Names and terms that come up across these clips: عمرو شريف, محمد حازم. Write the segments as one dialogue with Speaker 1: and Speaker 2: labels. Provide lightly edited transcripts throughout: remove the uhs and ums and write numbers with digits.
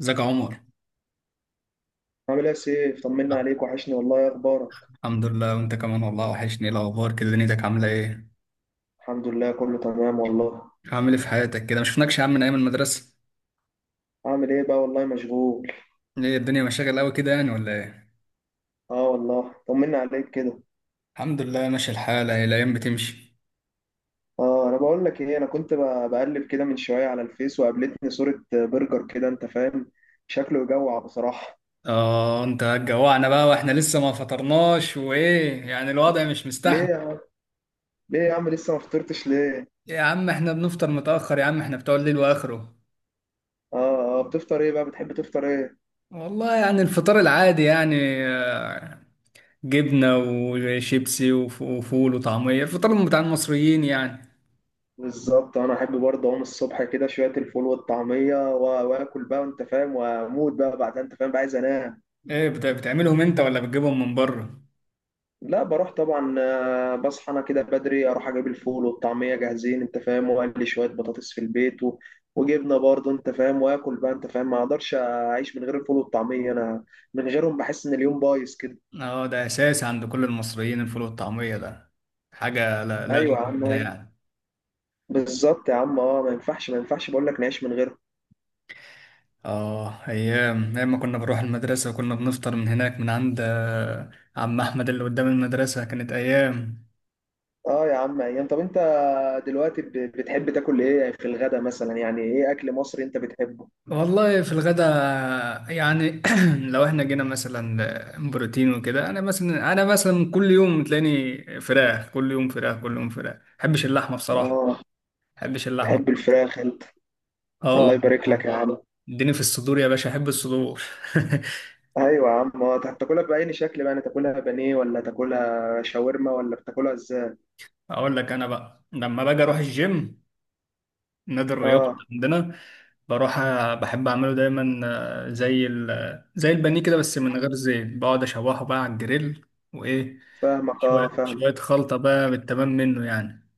Speaker 1: ازيك يا عمر؟
Speaker 2: عامل ايه يا سيف؟ طمنا عليك، وحشني والله، ايه اخبارك؟
Speaker 1: الحمد لله، وانت كمان والله وحشني. ايه الاخبار كده؟ دنيتك عامله ايه؟
Speaker 2: الحمد لله، كله تمام والله.
Speaker 1: عامل ايه في حياتك كده؟ ما شفناكش يا عم من ايام المدرسه.
Speaker 2: عامل ايه بقى؟ والله مشغول.
Speaker 1: ايه الدنيا مشاغل قوي كده يعني ولا ايه؟
Speaker 2: اه والله، طمنا عليك كده.
Speaker 1: الحمد لله، ماشي الحال، اهي الايام بتمشي.
Speaker 2: اه انا بقول لك ايه، انا كنت بقلب كده من شويه على الفيس وقابلتني صوره برجر كده انت فاهم. شكله يجوع بصراحه.
Speaker 1: اه، انت هتجوعنا بقى واحنا لسه ما فطرناش، وايه يعني الوضع مش
Speaker 2: ليه يا
Speaker 1: مستحمل؟
Speaker 2: عم، ليه يا عم لسه ما فطرتش ليه؟
Speaker 1: إيه يا عم، احنا بنفطر متاخر يا عم، احنا بتوع الليل واخره.
Speaker 2: اه، اه، بتفطر ايه بقى؟ بتحب تفطر ايه؟
Speaker 1: والله يعني الفطار العادي يعني. آه، جبنه وشيبسي وفول وطعميه، الفطار بتاع المصريين يعني.
Speaker 2: بالظبط، انا احب برضه اقوم الصبح كده شويه الفول والطعميه واكل بقى انت فاهم، واموت بقى بعدها انت فاهم بقى عايز انام.
Speaker 1: ايه، بتعملهم انت ولا بتجيبهم من بره؟
Speaker 2: لا بروح طبعا، بصحى انا كده بدري اروح اجيب الفول والطعميه جاهزين انت فاهم، واقلي شويه بطاطس في البيت وجبنه برضه انت فاهم، واكل بقى انت فاهم، ما اقدرش اعيش من غير الفول والطعميه انا. من غيرهم بحس ان اليوم بايظ كده.
Speaker 1: اه، ده اساسي عند كل المصريين، الفول والطعمية ده. حاجة لا غنى
Speaker 2: ايوه يا عم،
Speaker 1: عنها
Speaker 2: أيوة.
Speaker 1: يعني.
Speaker 2: بالظبط يا عم، اه ما ينفعش بقول لك نعيش من غيرهم.
Speaker 1: اه، ايام ايام ما كنا بنروح المدرسة وكنا بنفطر من هناك من عند عم احمد اللي قدام المدرسة، كانت ايام.
Speaker 2: اه يا عم، ايام. طب انت دلوقتي بتحب تاكل ايه في الغدا مثلا؟ يعني ايه اكل مصري انت بتحبه؟
Speaker 1: والله في الغدا، يعني لو احنا جينا مثلا بروتين وكده. انا مثلا كل يوم تلاقيني فراخ، كل يوم فراخ، كل يوم فراخ. ما بحبش اللحمة بصراحة، ما
Speaker 2: اه.
Speaker 1: بحبش اللحمة.
Speaker 2: تحب الفراخ انت؟
Speaker 1: اه،
Speaker 2: الله يبارك لك يا عم.
Speaker 1: اديني في الصدور يا باشا، احب الصدور.
Speaker 2: ايوه يا عم، هتاكلها باي شكل بقى؟ يعني تاكلها بانيه ولا تاكلها شاورما ولا بتاكلها ازاي؟
Speaker 1: اقول لك انا بقى، لما باجي اروح الجيم، نادي الرياضه
Speaker 2: اه
Speaker 1: عندنا، بروح بحب اعمله دايما، زي البانيه كده بس من غير زيت، بقعد اشوحه بقى على الجريل. وايه،
Speaker 2: فاهمك، اه
Speaker 1: شويه
Speaker 2: فاهمك.
Speaker 1: شويه خلطه بقى بالتمام منه يعني.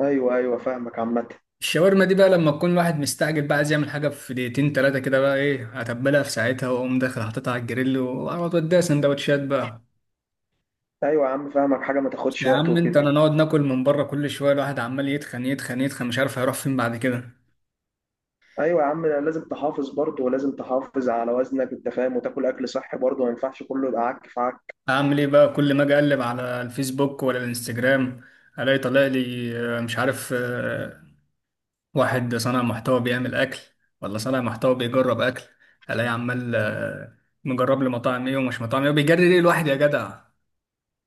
Speaker 2: ايوه، ايوه، فاهمك عامه.
Speaker 1: الشاورما دي بقى لما تكون الواحد مستعجل بقى، عايز يعمل حاجه في دقيقتين ثلاثه كده، بقى ايه، اتبلها في ساعتها واقوم داخل حاططها على الجريل واقعد اديها سندوتشات بقى.
Speaker 2: ايوه يا عم، فاهمك، حاجه ما تاخدش
Speaker 1: يا
Speaker 2: وقت
Speaker 1: عم انت،
Speaker 2: وكده.
Speaker 1: انا نقعد ناكل من بره كل شويه، الواحد عمال يتخن يتخن يتخن، مش عارف هيروح فين بعد كده.
Speaker 2: ايوه يا عم، لازم تحافظ برضه ولازم تحافظ على وزنك انت فاهم، وتاكل اكل صحي برضه، ما ينفعش كله يبقى عك في عك.
Speaker 1: اعمل ايه بقى؟ كل ما اجي اقلب على الفيسبوك ولا الانستجرام، الاقي طالع لي، مش عارف، واحد صانع محتوى بيعمل اكل ولا صانع محتوى بيجرب اكل، الاقي عمال، مجرب لي مطاعم ايه ومش مطاعم ايه. بيجري ليه الواحد يا جدع؟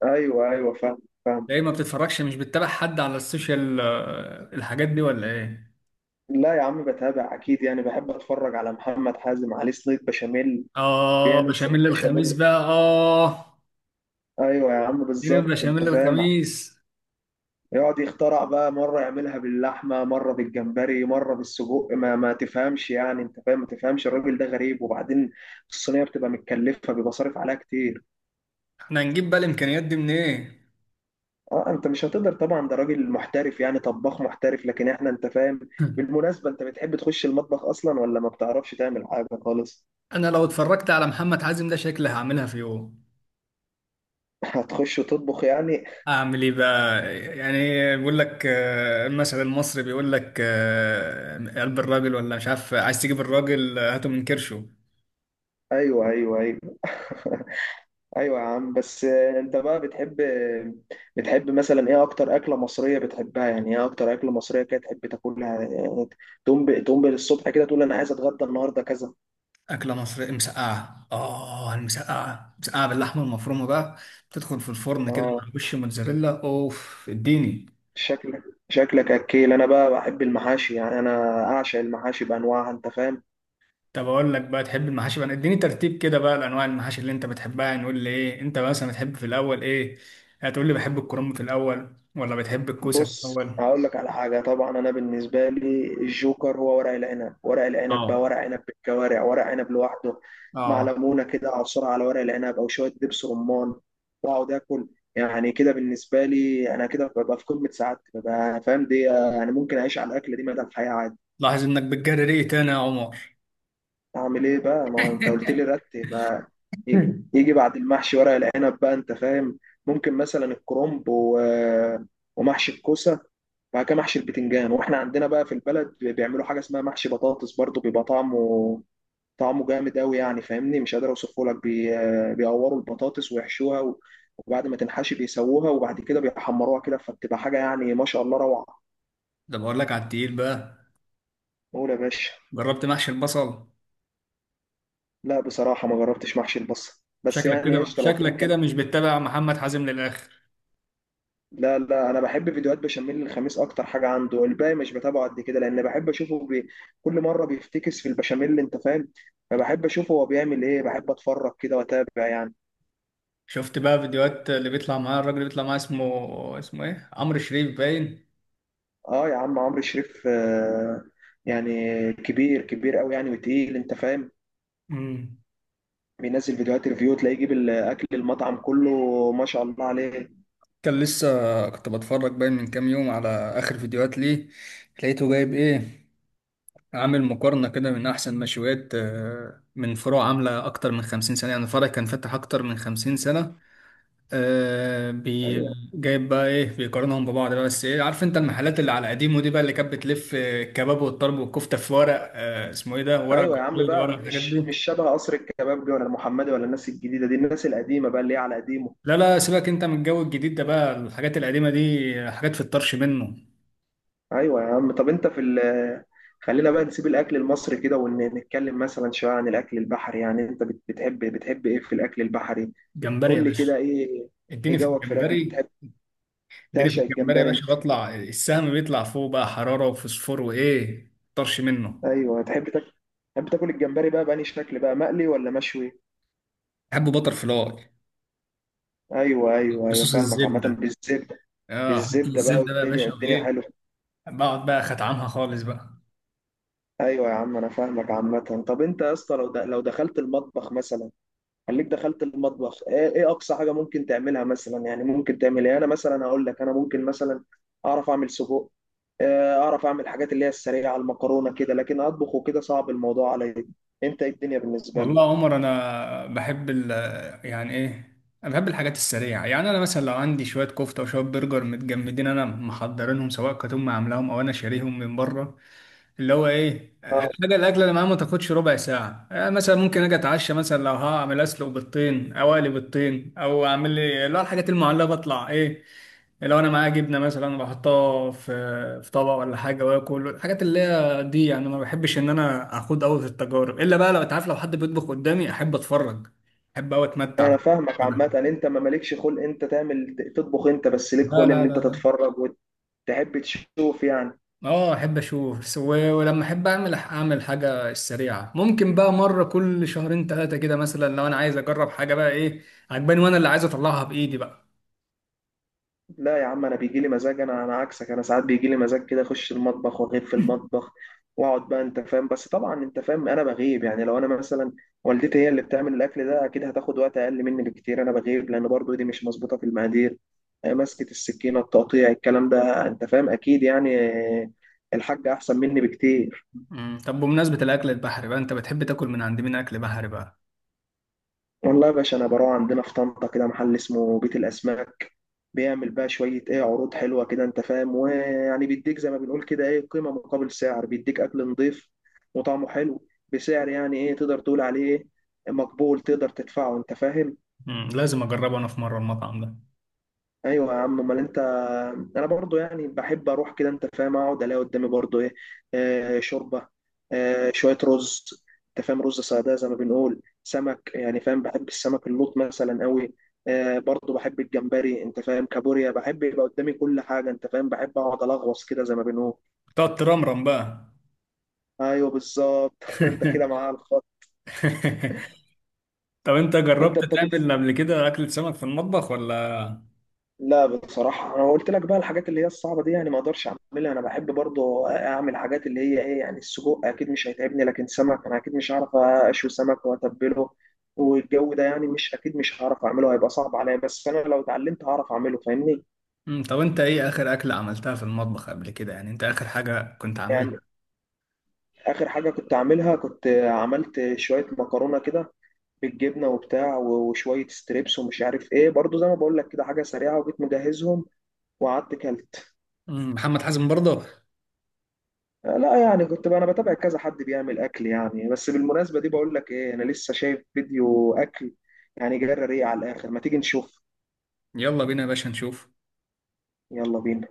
Speaker 2: ايوه، ايوه، فاهم، فاهم.
Speaker 1: ليه ما بتتفرجش؟ مش بتتابع حد على السوشيال، الحاجات دي ولا ايه؟
Speaker 2: لا يا عم، بتابع اكيد يعني، بحب اتفرج على محمد حازم، عليه صينيه بشاميل.
Speaker 1: اه
Speaker 2: بيعمل صينيه
Speaker 1: بشاميل الخميس
Speaker 2: بشاميل.
Speaker 1: بقى، اه.
Speaker 2: ايوه يا عم،
Speaker 1: اديني
Speaker 2: بالظبط انت
Speaker 1: بشاميل
Speaker 2: فاهم.
Speaker 1: الخميس.
Speaker 2: يقعد يخترع بقى، مرة يعملها باللحمة مرة بالجمبري مرة بالسجق، ما تفهمش يعني انت فاهم، ما تفهمش، الراجل ده غريب، وبعدين الصينية بتبقى متكلفة، بيبقى صارف عليها كتير.
Speaker 1: احنا هنجيب بقى الامكانيات دي منين إيه؟
Speaker 2: اه، انت مش هتقدر طبعا، ده راجل محترف يعني، طباخ محترف، لكن احنا انت فاهم. بالمناسبة، انت بتحب تخش المطبخ اصلا ولا ما بتعرفش تعمل حاجة خالص؟
Speaker 1: انا لو اتفرجت على محمد حازم ده، شكلي هعملها في يوم.
Speaker 2: هتخش تطبخ يعني؟
Speaker 1: اعمل ايه بقى يعني؟ بيقول لك المثل المصري بيقول لك، قلب الراجل، ولا مش عارف، عايز تجيب الراجل هاته من كرشه.
Speaker 2: ايوه، ايوه، ايوه. ايوه يا عم، بس انت بقى بتحب مثلا ايه اكتر اكله مصريه بتحبها؟ يعني ايه اكتر اكله مصريه كده تحب تاكلها يعني؟ تقوم تقوم بالصبح كده تقول انا عايز اتغدى النهارده كذا.
Speaker 1: اكله مصريه، مسقعه. اه، المسقعه، مسقعه باللحمه المفرومه بقى، تدخل في الفرن كده
Speaker 2: اه،
Speaker 1: مع وش موتزاريلا، اوف اديني.
Speaker 2: شكلك شكلك اكيل. انا بقى بحب المحاشي، يعني انا اعشق المحاشي بانواعها انت فاهم.
Speaker 1: طب اقول لك بقى، تحب المحاشي بقى، اديني ترتيب كده بقى لانواع المحاشي اللي انت بتحبها. نقول لي ايه انت مثلا بتحب في الاول ايه؟ هتقول لي بحب الكرنب في الاول ولا بتحب الكوسه في
Speaker 2: بص،
Speaker 1: الاول؟
Speaker 2: هقول لك على حاجة. طبعا أنا بالنسبة لي الجوكر هو ورق العنب. ورق العنب بقى
Speaker 1: اه،
Speaker 2: ورق عنب بالكوارع، ورق عنب لوحده، مع
Speaker 1: اه.
Speaker 2: ليمونة كده أعصر على ورق العنب أو شوية دبس رمان. وأقعد آكل. يعني كده بالنسبة لي أنا كده، ببقى في قمة سعادتي ببقى فاهم دي، يعني ممكن أعيش على الأكل دي مدى الحياة عادي.
Speaker 1: لاحظ انك بتجري ريقي تاني يا عمر.
Speaker 2: أعمل إيه بقى؟ ما هو أنت قلت لي رتب بقى. يجي يجي بعد المحشي ورق العنب بقى أنت فاهم. ممكن مثلا الكرنب ومحشي الكوسة. بعد كده محشي البتنجان. واحنا عندنا بقى في البلد بيعملوا حاجه اسمها محشي بطاطس برضو، بيبقى طعمه، طعمه جامد قوي يعني، فاهمني مش قادر اوصفه لك بيقوروا البطاطس ويحشوها وبعد ما تنحشي بيسووها، وبعد كده بيحمروها كده، فبتبقى حاجه يعني ما شاء الله، روعه.
Speaker 1: ده بقول لك على التقيل بقى.
Speaker 2: قول يا باشا.
Speaker 1: جربت محشي البصل؟
Speaker 2: لا بصراحه، ما جربتش محشي البصل، بس
Speaker 1: شكلك
Speaker 2: يعني
Speaker 1: كده،
Speaker 2: قشطه لو في
Speaker 1: شكلك
Speaker 2: امكانيه.
Speaker 1: كده مش بتتابع محمد حازم للاخر.
Speaker 2: لا لا، انا بحب فيديوهات بشاميل الخميس اكتر حاجه عنده، الباقي مش بتابعه قد كده، لان بحب اشوفه كل مره بيفتكس في البشاميل انت فاهم، فبحب اشوفه هو بيعمل ايه، بحب اتفرج كده واتابع يعني.
Speaker 1: شفت بقى فيديوهات اللي بيطلع معاه، الراجل اللي بيطلع معاه اسمه ايه، عمرو شريف باين.
Speaker 2: اه يا عم، عمرو شريف آه. يعني كبير كبير قوي يعني، وتقيل انت فاهم.
Speaker 1: امم
Speaker 2: بينزل فيديوهات ريفيو، تلاقيه يجيب الاكل المطعم كله، ما شاء الله عليه.
Speaker 1: كان لسه، كنت بتفرج باين من كام يوم على آخر فيديوهات ليه، لقيته جايب إيه، عامل مقارنة كده من أحسن مشويات، من فروع عاملة أكتر من 50 سنة، يعني فرع كان فاتح أكتر من 50 سنة، آه، بي
Speaker 2: ايوه.
Speaker 1: جايب بقى إيه، بيقارنهم ببعض بقى. بس إيه، عارف أنت المحلات اللي على قديمه دي بقى، اللي كانت بتلف الكباب والطرب والكفتة في ورق، اسمه إيه ده، ورق
Speaker 2: ايوه يا عم
Speaker 1: جلد،
Speaker 2: بقى،
Speaker 1: ورق الحاجات دي.
Speaker 2: مش شبه قصر الكبابجي ولا المحمدي ولا الناس الجديده دي، الناس القديمه بقى اللي هي على قديمه.
Speaker 1: لا لا، سيبك أنت من الجو الجديد ده بقى، الحاجات القديمة دي حاجات في الطرش منه.
Speaker 2: ايوه يا عم، طب انت في ال خلينا بقى نسيب الاكل المصري كده، ونتكلم مثلا شويه عن الاكل البحري، يعني انت بتحب ايه في الاكل البحري؟
Speaker 1: جمبري يا
Speaker 2: قول لي كده،
Speaker 1: باشا،
Speaker 2: ايه؟ ايه
Speaker 1: اديني في
Speaker 2: جوك في الاكل
Speaker 1: الجمبري.
Speaker 2: بتحب؟
Speaker 1: اديني في
Speaker 2: تعشق
Speaker 1: الجمبري يا
Speaker 2: الجمبري
Speaker 1: باشا،
Speaker 2: انت؟
Speaker 1: بطلع السهم بيطلع فوق بقى، حرارة وفوسفور وايه، طرش منه.
Speaker 2: ايوه، تحب تاكل الجمبري بقى بأني شكل بقى، مقلي ولا مشوي؟
Speaker 1: بحبه بطر فلاي،
Speaker 2: ايوه، ايوه، ايوه،
Speaker 1: بصوص
Speaker 2: فاهمك عامه،
Speaker 1: الزبده.
Speaker 2: بالزبده.
Speaker 1: اه، حط
Speaker 2: بالزبده بقى،
Speaker 1: الزبدة بقى يا
Speaker 2: والدنيا
Speaker 1: باشا
Speaker 2: الدنيا
Speaker 1: وايه،
Speaker 2: حلوه.
Speaker 1: بقعد بقى ختعمها خالص بقى.
Speaker 2: ايوه يا عم، انا فاهمك عامه. طب انت يا اسطى، لو دخلت المطبخ مثلا. خليك دخلت المطبخ، إيه اقصى حاجه ممكن تعملها مثلا، يعني ممكن تعمل ايه؟ انا مثلا هقول لك، انا ممكن مثلا اعرف اعمل سجق. اعرف اعمل الحاجات اللي هي السريعه المكرونه كده، لكن اطبخ وكده صعب الموضوع عليا. انت إيه الدنيا بالنسبه لك؟
Speaker 1: والله يا عمر انا بحب ال، يعني ايه، انا بحب الحاجات السريعة. يعني انا مثلا لو عندي شوية كفتة وشوية برجر متجمدين، انا محضرينهم، سواء كانت امي عاملاهم او انا شاريهم من بره، اللي هو ايه،
Speaker 2: آه،
Speaker 1: الحاجه الاكله اللي معايا ما تاخدش ربع ساعه. مثلا ممكن اجي اتعشى، مثلا لو هعمل، اسلق بيضتين او اقلي بيضتين، او اعمل لي اللي هو الحاجات المعلبه، اطلع ايه. لو انا معايا جبنه مثلا، بحطها في طبق ولا حاجه واكل الحاجات اللي هي دي. يعني ما بحبش ان انا اخوض قوي في التجارب، الا بقى لو انت عارف، لو حد بيطبخ قدامي احب اتفرج، احب قوي اتمتع
Speaker 2: انا
Speaker 1: بال-
Speaker 2: فاهمك عامه، انت ما مالكش خلق انت تعمل تطبخ، انت بس ليك
Speaker 1: لا
Speaker 2: خلق
Speaker 1: لا
Speaker 2: ان انت
Speaker 1: لا لا.
Speaker 2: تتفرج وتحب تشوف يعني.
Speaker 1: اه، احب اشوف، ولما احب اعمل حاجه السريعه، ممكن بقى مره كل شهرين ثلاثه كده، مثلا لو انا عايز اجرب حاجه بقى ايه عجباني وانا اللي عايز اطلعها بايدي بقى.
Speaker 2: لا يا عم، انا بيجي لي مزاج، انا عكسك، انا ساعات بيجي لي مزاج كده اخش المطبخ واغيب في المطبخ، واقعد بقى انت فاهم، بس طبعا انت فاهم انا بغيب يعني، لو انا مثلا والدتي هي اللي بتعمل الاكل ده، اكيد هتاخد وقت اقل مني بكتير، انا بغيب لان برضو ايدي مش مظبوطه في المقادير، مسكه السكينه، التقطيع، الكلام ده انت فاهم اكيد يعني. آه، الحاجه احسن مني بكتير.
Speaker 1: مم. طب بمناسبه الاكل البحري بقى، انت بتحب تاكل من عند مين اكل بحري بقى؟
Speaker 2: والله يا باشا، انا بروح عندنا في طنطا كده محل اسمه بيت الاسماك. بيعمل بقى شويه ايه عروض حلوه كده انت فاهم، ويعني بيديك زي ما بنقول كده، ايه قيمه مقابل سعر، بيديك اكل نضيف وطعمه حلو، بسعر يعني ايه تقدر تقول عليه مقبول، تقدر تدفعه انت فاهم.
Speaker 1: مم. لازم اجربه انا في مره المطعم ده.
Speaker 2: ايوه يا عم، امال انت. انا برضو يعني بحب اروح كده انت فاهم، اقعد الاقي قدامي برضو ايه، شوربه، شويه رز انت فاهم، رز صياديه زي ما بنقول، سمك يعني فاهم، بحب السمك اللوط مثلا قوي، برضو بحب الجمبري انت فاهم، كابوريا، بحب يبقى قدامي كل حاجه انت فاهم، بحب اقعد الغوص كده زي ما بنقول.
Speaker 1: تقعد ترمرم بقى.
Speaker 2: ايوه بالظبط. انت كده معايا على الخط.
Speaker 1: طب انت
Speaker 2: انت
Speaker 1: جربت
Speaker 2: بتاكل؟
Speaker 1: تعمل قبل كده اكلة سمك في المطبخ ولا؟
Speaker 2: لا بصراحة، أنا قلت لك بقى الحاجات اللي هي الصعبة دي يعني ما أقدرش أعملها، أنا بحب برضو أعمل حاجات اللي هي إيه، يعني السجق أكيد مش هيتعبني، لكن سمك أنا أكيد مش هعرف أشوي سمك وأتبله والجو ده يعني، مش أكيد مش هعرف أعمله، هيبقى صعب عليا، بس أنا لو اتعلمت هعرف أعمله فاهمني.
Speaker 1: مم. طب انت ايه اخر اكله عملتها في المطبخ قبل كده، يعني انت اخر حاجه كنت
Speaker 2: يعني
Speaker 1: عاملها؟
Speaker 2: آخر حاجة كنت أعملها، كنت عملت شوية مكرونة كده بالجبنة وبتاع، وشوية ستريبس ومش عارف إيه، برضو زي ما بقول لك كده حاجة سريعة، وجيت مجهزهم وقعدت كلت.
Speaker 1: مم. محمد حازم برضه؟
Speaker 2: لا يعني كنت بقى انا بتابع كذا حد بيعمل اكل يعني، بس بالمناسبه دي بقول لك ايه، انا لسه شايف فيديو اكل، يعني جرى ريق على الاخر. ما تيجي نشوف؟
Speaker 1: يلا بينا يا باشا نشوف.
Speaker 2: يلا بينا.